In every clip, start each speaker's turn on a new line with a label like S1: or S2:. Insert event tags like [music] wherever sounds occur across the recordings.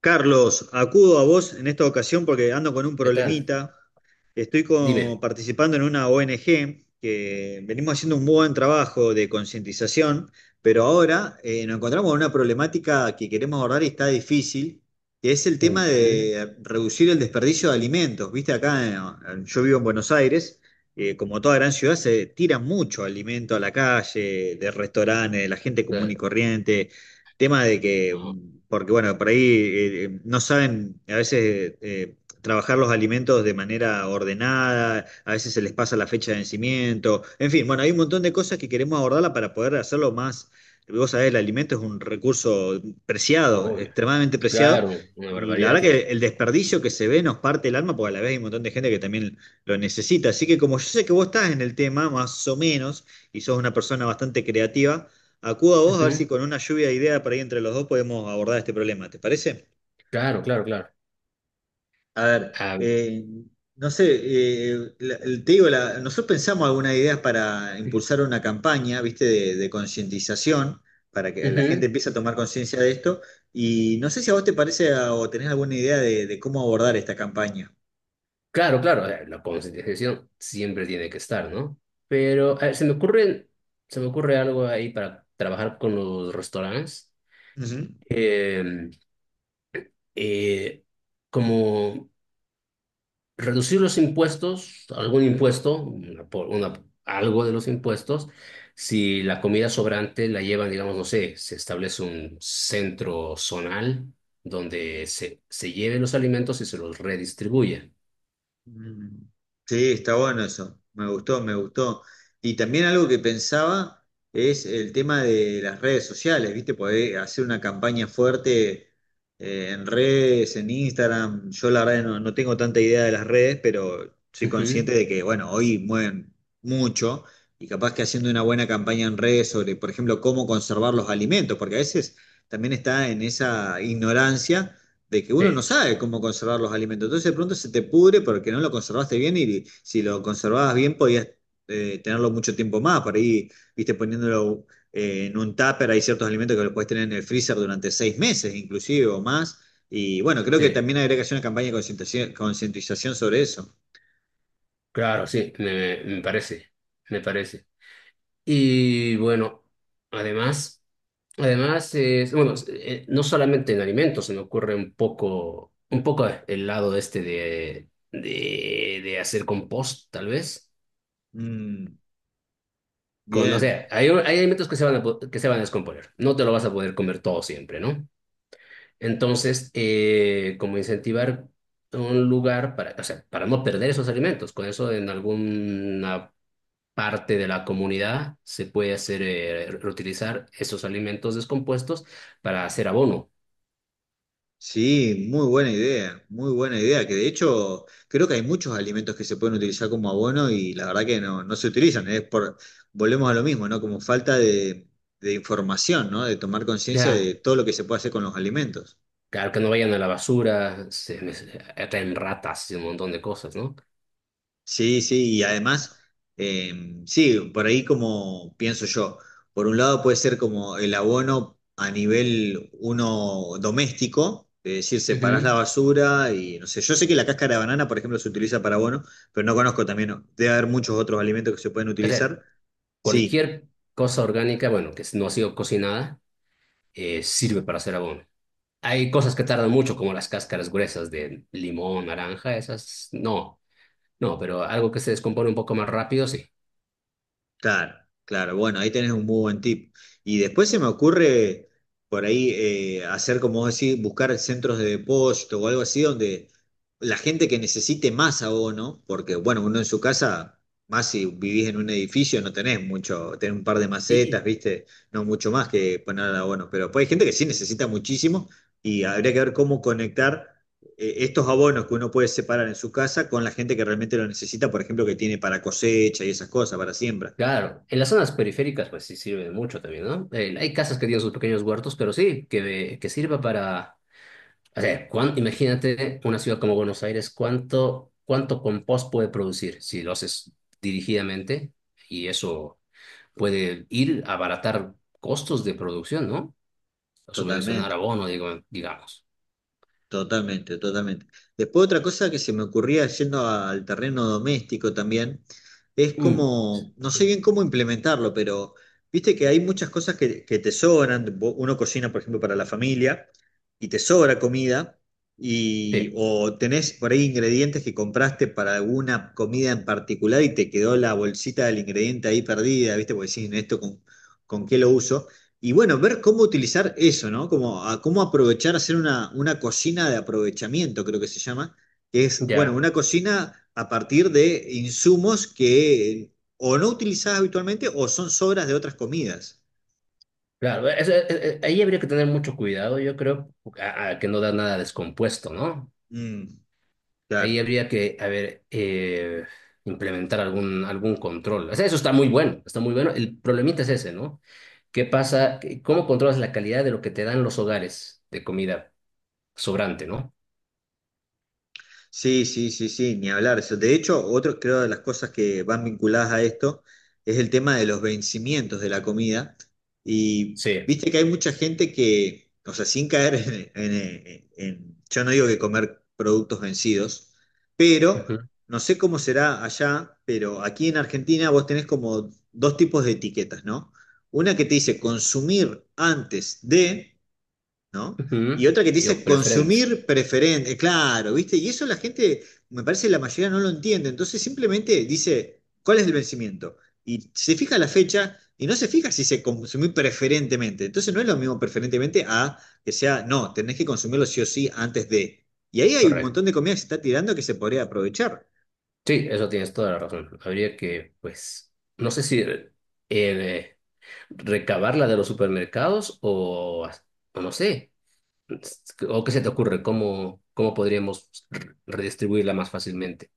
S1: Carlos, acudo a vos en esta ocasión porque ando con un
S2: ¿Qué tal?
S1: problemita.
S2: Dime.
S1: Participando en una ONG que venimos haciendo un buen trabajo de concientización, pero ahora nos encontramos con una problemática que queremos abordar y está difícil, que es el tema
S2: Ujú.
S1: de reducir el desperdicio de alimentos. Viste, acá yo vivo en Buenos Aires, como toda gran ciudad se tira mucho alimento a la calle, de restaurantes, de la gente común y
S2: Eh,
S1: corriente tema de que
S2: no,
S1: porque bueno, por ahí no saben a veces trabajar los alimentos de manera ordenada, a veces se les pasa la fecha de vencimiento, en fin, bueno, hay un montón de cosas que queremos abordarla para poder hacerlo más, vos sabés, el alimento es un recurso preciado,
S2: Obvio.
S1: extremadamente preciado.
S2: Claro, una
S1: Y la
S2: barbaridad,
S1: verdad que
S2: tía.
S1: el desperdicio que se ve nos parte el alma, porque a la vez hay un montón de gente que también lo necesita. Así que como yo sé que vos estás en el tema, más o menos, y sos una persona bastante creativa, acudo a vos a ver
S2: Ujú.
S1: si con una lluvia de ideas por ahí entre los dos podemos abordar este problema. ¿Te parece?
S2: Claro, claro, claro.
S1: A ver,
S2: Ah, mira.
S1: no sé, te digo, nosotros pensamos algunas ideas para impulsar una campaña, ¿viste? De concientización, para que la gente
S2: Ujú.
S1: empiece a tomar conciencia de esto. Y no sé si a vos te parece o tenés alguna idea de cómo abordar esta campaña.
S2: Claro, claro. La concientización siempre tiene que estar, ¿no? Pero se me ocurre algo ahí para trabajar con los restaurantes.
S1: Ujú.
S2: Eh, eh, como reducir los impuestos, algún impuesto, algo de los impuestos, si la comida sobrante la llevan, digamos, no sé, se establece un centro zonal donde se lleven los alimentos y se los redistribuye.
S1: Mm. Sí, está bueno eso. Me gustó, me gustó. Y también algo que pensaba es el tema de las redes sociales, ¿viste? Poder hacer una campaña fuerte en redes, en Instagram. Yo la verdad no tengo tanta idea de las redes, pero soy
S2: Ujú.
S1: consciente de que, bueno, hoy mueven mucho y capaz que haciendo una buena campaña en redes sobre, por ejemplo, cómo conservar los alimentos, porque a veces también está en esa ignorancia de que uno no
S2: Sí,
S1: sabe cómo conservar los alimentos. Entonces de pronto se te pudre porque no lo conservaste bien y si lo conservabas bien podías tenerlo mucho tiempo más. Por ahí, viste, poniéndolo en un tupper, hay ciertos alimentos que los puedes tener en el freezer durante 6 meses inclusive o más. Y bueno, creo que
S2: sí,
S1: también habría que hacer una campaña de concientización sobre eso.
S2: claro, sí, me parece, me parece. Y bueno, además. Además, es, bueno, no solamente en alimentos, se me ocurre un poco el lado este de hacer compost, tal vez.
S1: Mm,
S2: Con, o
S1: bien.
S2: sea, hay alimentos que se van que se van a descomponer. No te lo vas a poder comer todo siempre, ¿no? Entonces, como incentivar un lugar para, o sea, para no perder esos alimentos. Con eso, en alguna parte de la comunidad se puede hacer, reutilizar esos alimentos descompuestos para hacer abono.
S1: Sí, muy buena idea, que de hecho creo que hay muchos alimentos que se pueden utilizar como abono y la verdad que no se utilizan, es por, volvemos a lo mismo, ¿no? Como falta de información, ¿no? De tomar conciencia
S2: Ya.
S1: de todo lo que se puede hacer con los alimentos.
S2: Claro, que no vayan a la basura, se me- atraen ratas y un montón de cosas, ¿no?
S1: Sí, sí, y además, eh, sí, por ahí como pienso yo, por un lado puede ser como el abono a nivel uno doméstico, es decir, separás la
S2: Ujú.
S1: basura y no sé, yo sé que la cáscara de banana, por ejemplo, se utiliza para abono, pero no conozco también, ¿no? Debe haber muchos otros alimentos que se pueden
S2: O sea,
S1: utilizar, sí,
S2: cualquier cosa orgánica, bueno, que no ha sido cocinada, sirve para hacer abono. Hay cosas que tardan mucho, como las cáscaras gruesas de limón, naranja, esas no, no, pero algo que se descompone un poco más rápido, sí.
S1: claro, claro. Bueno, ahí tenés un muy buen tip. Y después se me ocurre por ahí hacer, como vos decís, buscar centros de depósito o algo así donde la gente que necesite más abono, porque bueno, uno en su casa, más si vivís en un edificio, no tenés mucho, tenés un par de
S2: Y
S1: macetas, ¿viste? No mucho más que poner abono. Pero pues hay gente que sí necesita muchísimo y habría que ver cómo conectar estos abonos que uno puede separar en su casa con la gente que realmente lo necesita, por ejemplo, que tiene para cosecha y esas cosas, para siembra.
S2: claro, en las zonas periféricas, pues sí sirve mucho también, ¿no? Hay casas que tienen sus pequeños huertos, pero sí, que sirva para. O sea, cuán- imagínate una ciudad como Buenos Aires, cuánto compost puede producir si lo haces dirigidamente y eso puede ir a abaratar costos de producción, ¿no? Subvencionar
S1: Totalmente,
S2: abono, digo, digamos.
S1: totalmente, totalmente. Después otra cosa que se me ocurría yendo al terreno doméstico también, es
S2: Mm, sí,
S1: como, no
S2: sí,
S1: sé
S2: sí.
S1: bien cómo implementarlo, pero viste que hay muchas cosas que te sobran, uno cocina, por ejemplo, para la familia y te sobra comida, y,
S2: Sí,
S1: o tenés por ahí ingredientes que compraste para alguna comida en particular y te quedó la bolsita del ingrediente ahí perdida, viste, porque decís, esto con qué lo uso. Y bueno, ver cómo utilizar eso, ¿no? Como, a, cómo aprovechar, hacer una cocina de aprovechamiento, creo que se llama, que es, bueno,
S2: ya,
S1: una cocina a partir de insumos que o no utilizás habitualmente o son sobras de otras comidas.
S2: claro. Ahí habría que tener mucho cuidado, yo creo, a que no da nada descompuesto, ¿no?
S1: Mm,
S2: Ahí
S1: claro.
S2: habría que, a ver, implementar algún control. O sea, eso está muy bueno, está muy bueno. El problemita es ese, ¿no? ¿Qué pasa? ¿Cómo controlas la calidad de lo que te dan los hogares de comida sobrante, ¿no?
S1: Sí, sí, sí, sí, ni hablar. De hecho, otro creo de las cosas que van vinculadas a esto es el tema de los vencimientos de la comida. Y
S2: Sí.
S1: viste que hay mucha gente que, o sea, sin caer yo no digo que comer productos vencidos, pero
S2: Ujú,
S1: no sé cómo será allá, pero aquí en Argentina vos tenés como dos tipos de etiquetas, ¿no? Una que te dice consumir antes de ¿no? Y
S2: ujú.
S1: otra que te
S2: Yo,
S1: dice
S2: preferente,
S1: consumir preferente, claro, ¿viste? Y eso la gente, me parece la mayoría no lo entiende, entonces simplemente dice, ¿cuál es el vencimiento? Y se fija la fecha y no se fija si se consumir preferentemente, entonces no es lo mismo preferentemente a que sea, no, tenés que consumirlo sí o sí antes de. Y ahí hay un
S2: correcto.
S1: montón de comida que se está tirando que se podría aprovechar.
S2: Sí, eso tienes toda la razón. Habría que, pues, no sé si eh, recabarla de los supermercados o no sé. ¿O qué se te ocurre? ¿Cómo, cómo podríamos re- redistribuirla más fácilmente?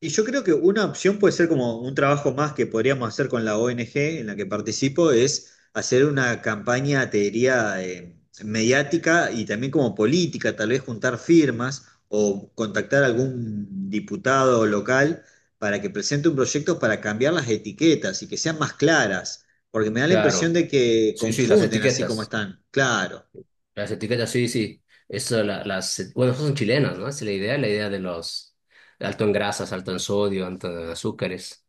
S1: Y yo creo que una opción puede ser como un trabajo más que podríamos hacer con la ONG en la que participo, es hacer una campaña, te diría, mediática y también como política, tal vez juntar firmas o contactar a algún diputado local para que presente un proyecto para cambiar las etiquetas y que sean más claras, porque me da la impresión
S2: Claro,
S1: de que
S2: sí, sí, las
S1: confunden así como
S2: etiquetas.
S1: están. Claro,
S2: Las etiquetas, sí, sí. Eso, la- las, bueno, esas son chilenas, ¿no? Esa es la idea de los alto en grasas, alto en sodio, alto en azúcares.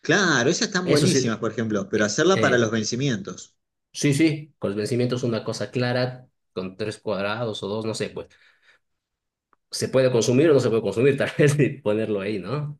S1: claro, esas están
S2: Eso
S1: buenísimas,
S2: sí,
S1: por ejemplo, pero
S2: eh,
S1: hacerla para los
S2: eh,
S1: vencimientos.
S2: sí, sí, con los vencimientos una cosa clara, con tres cuadrados o dos, no sé, pues, ¿se puede consumir o no se puede consumir? [laughs] Tal vez y ponerlo ahí, ¿no?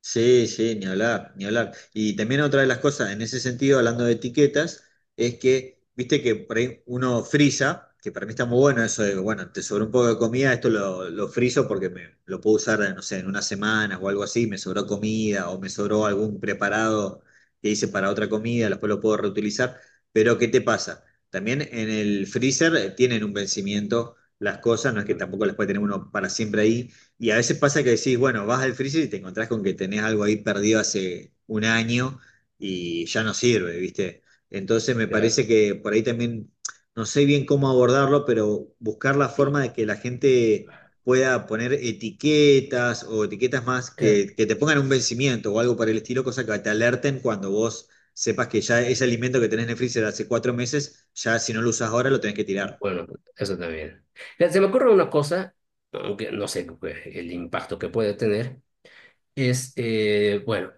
S1: Sí, sí, ni hablar, ni hablar. Y también otra de las cosas, en ese sentido, hablando de etiquetas, es que, viste que por ahí uno frisa, que para mí está muy bueno eso de, bueno, te sobró un poco de comida, esto lo friso porque me, lo puedo usar, no sé, en una semana o algo así, me sobró comida o me sobró algún preparado que hice para otra comida, después lo puedo reutilizar. Pero, ¿qué te pasa? También en el freezer tienen un vencimiento las cosas, no es que
S2: Mm.
S1: tampoco las puede tener uno para siempre ahí. Y a veces pasa que decís, bueno, vas al freezer y te encontrás con que tenés algo ahí perdido hace un año y ya no sirve, ¿viste? Entonces me parece
S2: Claro.
S1: que por ahí también, no sé bien cómo abordarlo, pero buscar la
S2: Sí.
S1: forma de que la gente pueda poner etiquetas o etiquetas más que te pongan un vencimiento o algo para el estilo, cosa que te alerten cuando vos sepas que ya ese alimento que tenés en el freezer hace 4 meses, ya si no lo usás ahora lo tenés que tirar.
S2: Bueno, eso también. Mira, se me ocurre una cosa, aunque no sé qué- el impacto que puede tener, es, bueno,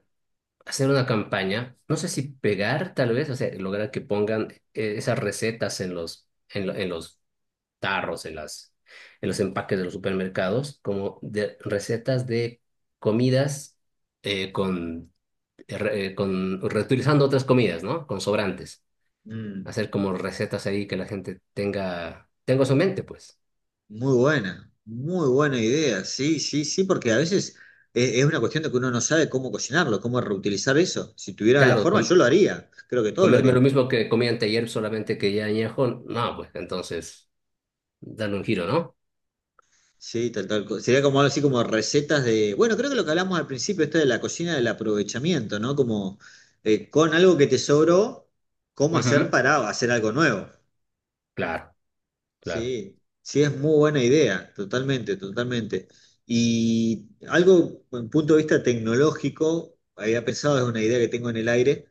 S2: hacer una campaña, no sé si pegar tal vez, o sea, lograr que pongan esas recetas en en los tarros, en las, en los empaques de los supermercados, como de recetas de comidas eh, con, reutilizando otras comidas, ¿no? Con sobrantes.
S1: Mm.
S2: Hacer como recetas ahí que la gente tenga, tenga en su mente, pues.
S1: Muy buena idea. Sí, sí, sí, porque a veces es una cuestión de que uno no sabe cómo cocinarlo, cómo reutilizar eso. Si tuviera la
S2: Claro,
S1: forma,
S2: com-
S1: yo lo haría. Creo que todos lo
S2: comerme lo
S1: haríamos.
S2: mismo que comí anteayer, solamente que ya añejo, no, pues entonces, darle un giro, ¿no?
S1: Sí, tal, tal. Sería como algo así como recetas de. Bueno, creo que lo que hablamos al principio, esto de la cocina del aprovechamiento, ¿no? Como con algo que te sobró, cómo hacer
S2: Ujú.
S1: para hacer algo nuevo.
S2: Claro, claro.
S1: Sí, sí, es muy buena idea, totalmente, totalmente. Y algo, en punto de vista tecnológico, había pensado, es una idea que tengo en el aire,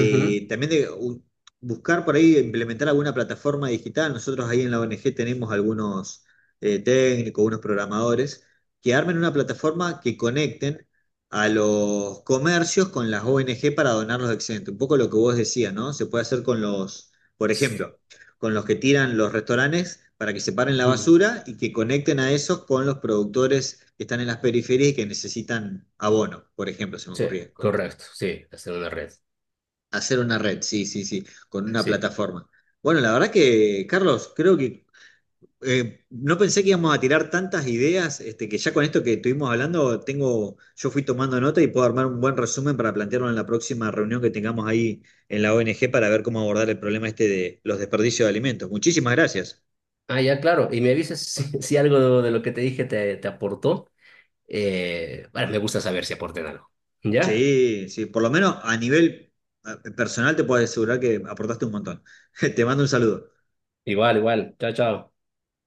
S2: Ujú,
S1: también buscar por ahí, implementar alguna plataforma digital. Nosotros ahí en la ONG tenemos algunos técnicos, unos programadores, que armen una plataforma que conecten a los comercios con las ONG para donar los excedentes. Un poco lo que vos decías, ¿no? Se puede hacer con los... Por
S2: s-
S1: ejemplo, con los que tiran los restaurantes para que separen la
S2: ujú.
S1: basura y que conecten a esos con los productores que están en las periferias y que necesitan abono, por ejemplo, se me
S2: Sí,
S1: ocurría.
S2: correcto, sí, hacer una red,
S1: Hacer una red, sí, sí, sí, con una
S2: sí.
S1: plataforma. Bueno, la verdad que, Carlos, creo que no pensé que íbamos a tirar tantas ideas, este, que ya con esto que estuvimos hablando, tengo, yo fui tomando nota y puedo armar un buen resumen para plantearlo en la próxima reunión que tengamos ahí en la ONG para ver cómo abordar el problema este de los desperdicios de alimentos. Muchísimas gracias.
S2: Ah, ya, claro, y me avisas [laughs] si, si algo de lo que te dije te aportó. Bueno, me gusta saber si aporté en algo. ¿Ya?
S1: Sí, sí, por lo menos a nivel personal te puedo asegurar que aportaste un montón. [laughs] Te mando un saludo.
S2: Igual, igual. Chao, chao.